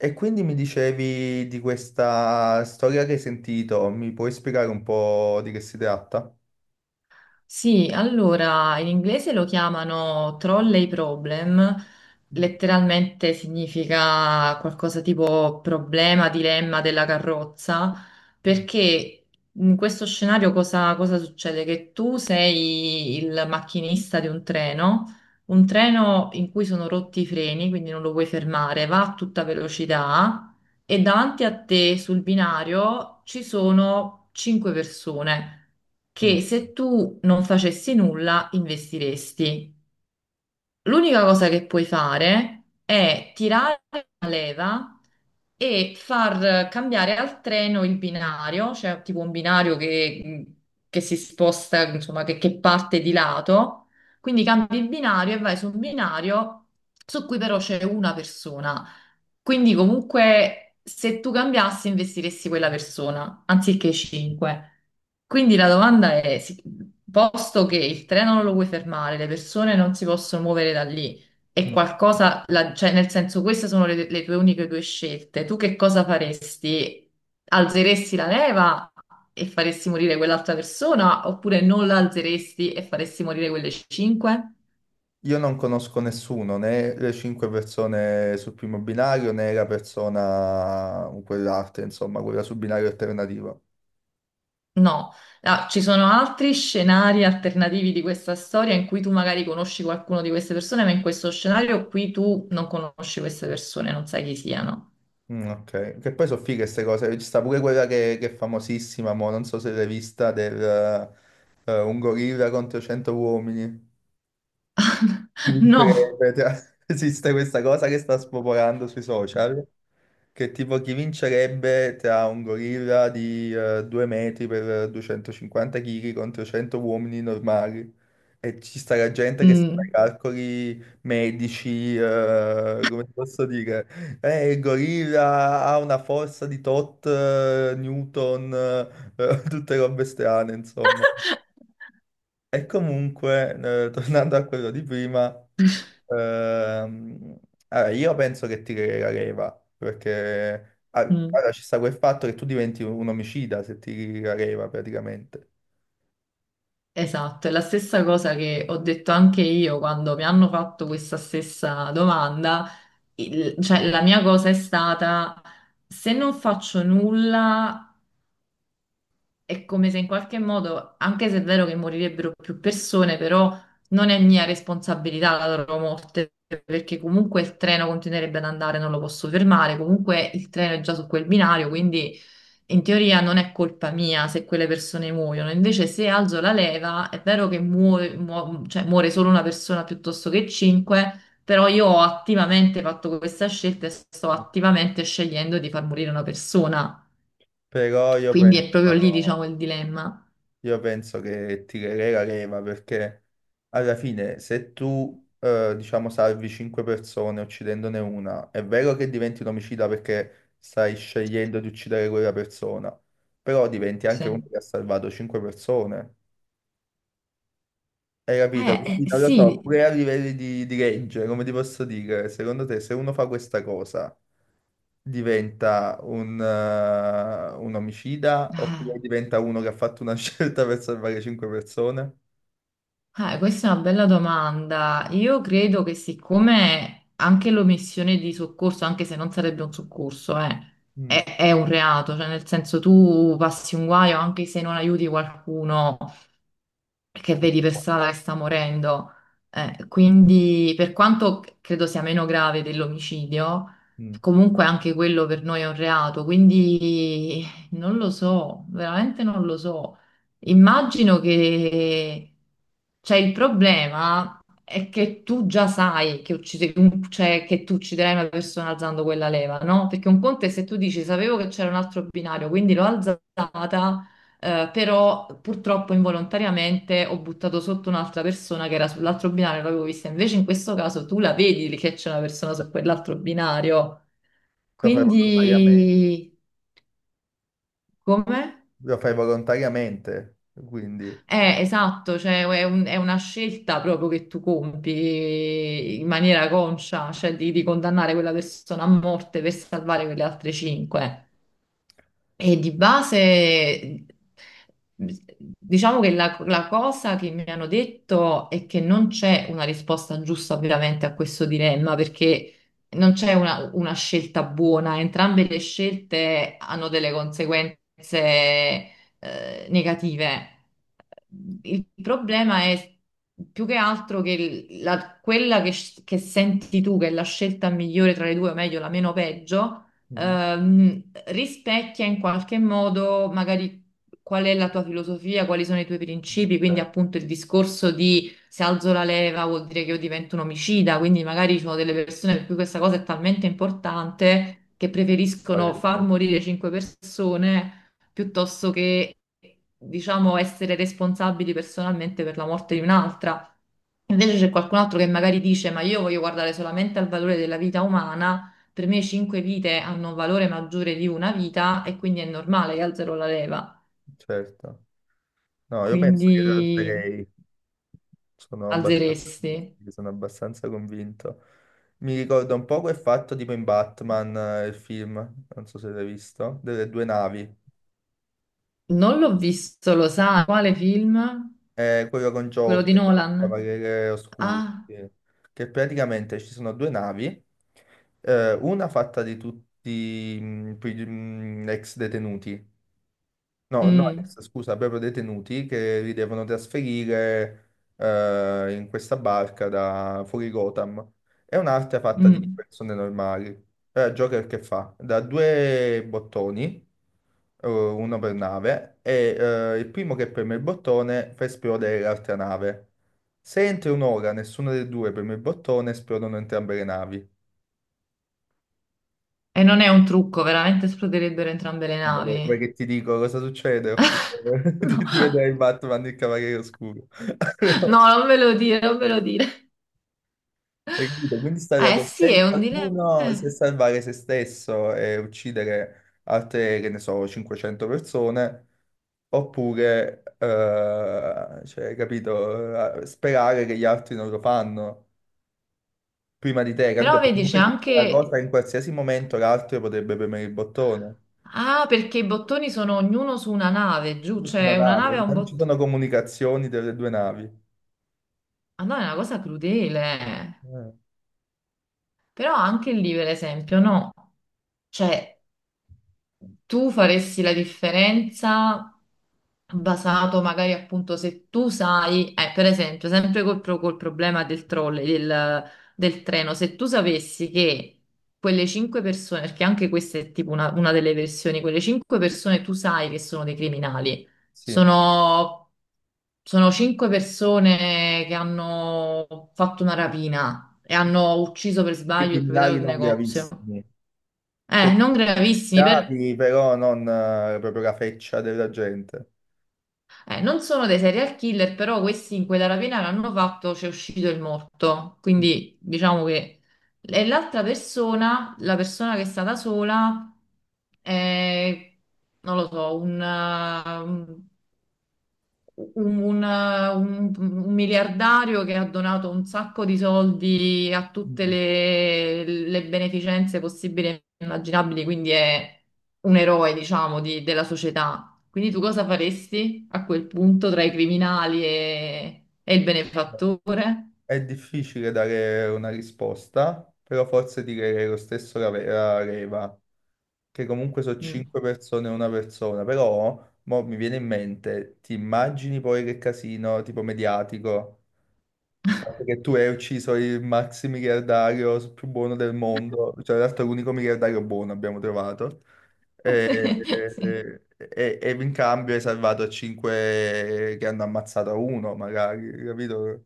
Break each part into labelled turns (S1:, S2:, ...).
S1: E quindi mi dicevi di questa storia che hai sentito, mi puoi spiegare un po' di che si tratta?
S2: Sì, allora in inglese lo chiamano trolley problem,
S1: Mm.
S2: letteralmente significa qualcosa tipo problema, dilemma della carrozza, perché in questo scenario cosa succede? Che tu sei il macchinista di un treno in cui sono rotti i freni, quindi non lo puoi fermare, va a tutta velocità e davanti a te sul binario ci sono cinque persone
S1: No,
S2: che se tu non facessi nulla investiresti. L'unica cosa che puoi fare è tirare la leva e far cambiare al treno il binario, cioè tipo un binario che si sposta, insomma, che parte di lato. Quindi cambi il binario e vai su un binario su cui però c'è una persona. Quindi comunque se tu cambiassi investiresti quella persona anziché 5. Quindi la domanda è, sì, posto che il treno non lo puoi fermare, le persone non si possono muovere da lì, è
S1: no.
S2: qualcosa, cioè nel senso queste sono le tue uniche due scelte. Tu che cosa faresti? Alzeresti la leva e faresti morire quell'altra persona oppure non la alzeresti e faresti morire quelle cinque?
S1: Io non conosco nessuno, né le cinque persone sul primo binario, né la persona, quell'altra, insomma, quella sul binario alternativo.
S2: No. Ah, ci sono altri scenari alternativi di questa storia in cui tu magari conosci qualcuno di queste persone, ma in questo scenario qui tu non conosci queste persone, non sai chi siano.
S1: Mm, ok, che poi sono fighe queste cose, ci sta pure quella che è famosissima, mo, non so se l'hai vista, del un gorilla contro 100 uomini. Chi
S2: No.
S1: vincerebbe? Cioè, esiste questa cosa che sta spopolando sui social, che tipo chi vincerebbe tra un gorilla di 2 metri per 250 kg contro 100 uomini normali. E ci sta la gente che si fa i
S2: Mm,
S1: calcoli medici, come ti posso dire? Il gorilla ha una forza di tot, Newton, tutte robe strane, insomma. E comunque, tornando a quello di prima... Ehm, allora, io penso che ti la leva, perché
S2: mm.
S1: allora, ci sta quel fatto che tu diventi un omicida se ti la leva praticamente.
S2: Esatto, è la stessa cosa che ho detto anche io quando mi hanno fatto questa stessa domanda. Cioè, la mia cosa è stata, se non faccio nulla, è come se in qualche modo, anche se è vero che morirebbero più persone, però non è mia responsabilità la loro morte, perché comunque il treno continuerebbe ad andare, non lo posso fermare, comunque il treno è già su quel binario, quindi in teoria non è colpa mia se quelle persone muoiono. Invece se alzo la leva, è vero che cioè, muore solo una persona piuttosto che cinque, però io ho attivamente fatto questa scelta e sto attivamente scegliendo di far morire una persona.
S1: Però
S2: Quindi è proprio lì, diciamo, il dilemma.
S1: io penso che tirerei la leva perché alla fine se tu diciamo salvi cinque persone uccidendone una, è vero che diventi un omicida perché stai scegliendo di uccidere quella persona, però diventi anche
S2: Sì.
S1: uno che ha salvato cinque persone. Hai capito?
S2: Eh,
S1: Quindi
S2: eh,
S1: non lo so,
S2: sì,
S1: pure a livelli di legge, come ti posso dire, secondo te se uno fa questa cosa diventa un un omicida oppure
S2: Ah,
S1: diventa uno che ha fatto una scelta per salvare cinque persone?
S2: questa è una bella domanda. Io credo che siccome anche l'omissione di soccorso, anche se non sarebbe un soccorso,
S1: Mm.
S2: è un reato, cioè nel senso tu passi un guaio anche se non aiuti qualcuno, che vedi per strada che sta morendo. Quindi, per quanto credo sia meno grave dell'omicidio,
S1: Mm.
S2: comunque anche quello per noi è un reato. Quindi non lo so, veramente non lo so. Immagino che cioè, il problema è che tu già sai che, cioè, che tu ucciderai una persona alzando quella leva, no? Perché un conto è se tu dici sapevo che c'era un altro binario, quindi l'ho alzata. Però purtroppo involontariamente ho buttato sotto un'altra persona che era sull'altro binario, l'avevo vista. Invece in questo caso tu la vedi che c'è una persona su quell'altro binario.
S1: Lo fai volontariamente,
S2: Quindi, come?
S1: lo fai volontariamente, quindi...
S2: Esatto, cioè è una scelta proprio che tu compi in maniera conscia, cioè di condannare quella persona a morte per salvare quelle altre cinque. E di base, diciamo che la cosa che mi hanno detto è che non c'è una risposta giusta veramente a questo dilemma, perché non c'è una scelta buona, entrambe le scelte hanno delle conseguenze, negative. Il problema è più che altro che quella che senti tu, che è la scelta migliore tra le due, o meglio, la meno peggio
S1: Mm.
S2: ehm, rispecchia in qualche modo magari qual è la tua filosofia, quali sono i tuoi principi, quindi
S1: Eh,
S2: appunto il discorso di se alzo la leva vuol dire che io divento un omicida, quindi magari ci sono delle persone per cui questa cosa è talmente importante che preferiscono far
S1: farebbe,
S2: morire cinque persone piuttosto che, diciamo, essere responsabili personalmente per la morte di un'altra. Invece c'è qualcun altro che magari dice: ma io voglio guardare solamente al valore della vita umana, per me cinque vite hanno un valore maggiore di una vita e quindi è normale che alzerò la leva.
S1: certo. No, io penso che lo
S2: Quindi
S1: alzerei. Sono abbastanza,
S2: alzeresti.
S1: sì, sono abbastanza convinto. Mi ricorda un po' quel fatto tipo in Batman, il film, non so se l'hai visto, delle due navi.
S2: Non l'ho visto, lo sa, quale film?
S1: È quello con
S2: Quello di
S1: Joker, il
S2: Nolan.
S1: Cavaliere Oscuro,
S2: Ah,
S1: sì. Che praticamente ci sono due navi, una fatta di tutti ex detenuti. No, no,
S2: mm,
S1: ex, scusa, proprio detenuti che li devono trasferire in questa barca da fuori Gotham. È un'arte fatta di
S2: mm.
S1: persone normali. Allora, Joker che fa? Da due bottoni, uno per nave, e il primo che preme il bottone fa esplodere l'altra nave. Se entro un'ora nessuno dei due preme il bottone, esplodono entrambe le navi.
S2: E non è un trucco, veramente esploderebbero entrambe le
S1: Vabbè, vuoi
S2: navi.
S1: che ti dico cosa succede? Oppure
S2: No,
S1: di vedere il Batman il Cavaliere Oscuro.
S2: no, non ve lo dire, non ve lo dire.
S1: Hai capito? Quindi sta la
S2: Eh sì, è un
S1: coscienza di
S2: dilemma.
S1: uno se salvare se stesso e uccidere altre, che ne so, 500 persone, oppure, cioè, hai capito, eh, sperare che gli altri non lo fanno prima di te, capito?
S2: Però
S1: Perché
S2: vedi, c'è
S1: poi c'è la cosa
S2: anche
S1: che in qualsiasi momento l'altro potrebbe premere il bottone.
S2: Ah, perché i bottoni sono ognuno su una nave, giù,
S1: Tutta una
S2: cioè una nave
S1: nave,
S2: ha un
S1: non ci
S2: bottone.
S1: sono comunicazioni delle due navi.
S2: Ah no, è una cosa crudele.
S1: Eh,
S2: Però anche lì, per esempio, no. Cioè, tu faresti la differenza basato magari appunto se tu sai, per esempio, sempre col, col problema del trolley, del, del treno, se tu sapessi che quelle cinque persone, perché anche questa è tipo una delle versioni, quelle cinque persone tu sai che sono dei criminali,
S1: sì.
S2: sono, sono cinque persone che hanno fatto una rapina e hanno ucciso per
S1: Dei
S2: sbaglio il proprietario
S1: criminali
S2: del
S1: non
S2: negozio.
S1: gravissimi. Cioè,
S2: Non gravissimi, per
S1: bravi, però non proprio la feccia della gente.
S2: Non sono dei serial killer, però questi in quella rapina che hanno fatto c'è uscito il morto.
S1: Mm.
S2: Quindi diciamo che e l'altra persona, la persona che è stata sola, è, non lo so, un, un miliardario che ha donato un sacco di soldi a tutte
S1: Mm.
S2: le beneficenze possibili e immaginabili, quindi è un eroe, diciamo, della società. Quindi tu cosa faresti a quel punto tra i criminali e il benefattore?
S1: È difficile dare una risposta, però forse direi lo stesso la, ve- la Reva, che comunque sono
S2: Mm.
S1: cinque persone e una persona, però mo mi viene in mente, ti immagini poi che casino tipo mediatico? Il fatto che tu hai ucciso il maxi miliardario più buono del mondo, cioè in realtà l'unico miliardario buono abbiamo trovato, e,
S2: Sì.
S1: in cambio hai salvato cinque che hanno ammazzato uno, magari, capito?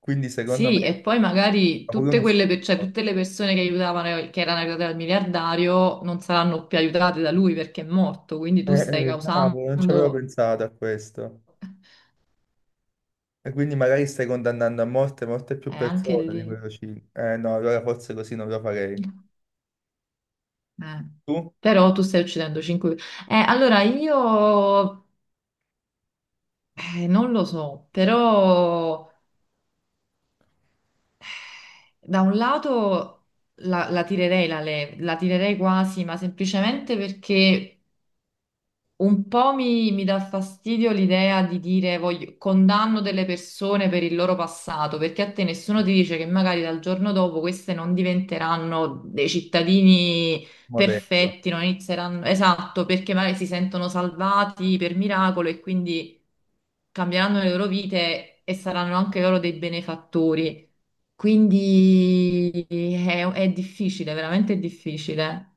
S1: Quindi secondo me
S2: Sì, e poi magari
S1: è pure
S2: tutte
S1: uno
S2: quelle, cioè,
S1: schifo.
S2: tutte le persone che aiutavano, che erano aiutate dal miliardario, non saranno più aiutate da lui perché è morto, quindi
S1: Eh,
S2: tu stai
S1: eh, cavolo, non ci avevo
S2: causando,
S1: pensato a questo. E quindi magari stai condannando a morte molte più
S2: anche
S1: persone di
S2: lì.
S1: quello 5. Eh no, allora forse così non lo farei.
S2: Eh.
S1: Tu?
S2: Però tu stai uccidendo 5. Allora io non lo so, però da un lato la tirerei la leva, la tirerei quasi, ma semplicemente perché un po' mi dà fastidio l'idea di dire voglio, condanno delle persone per il loro passato, perché a te nessuno ti dice che magari dal giorno dopo queste non diventeranno dei cittadini
S1: Modello.
S2: perfetti, non inizieranno, esatto, perché magari si sentono salvati per miracolo e quindi cambieranno le loro vite e saranno anche loro dei benefattori. Quindi è difficile, veramente difficile.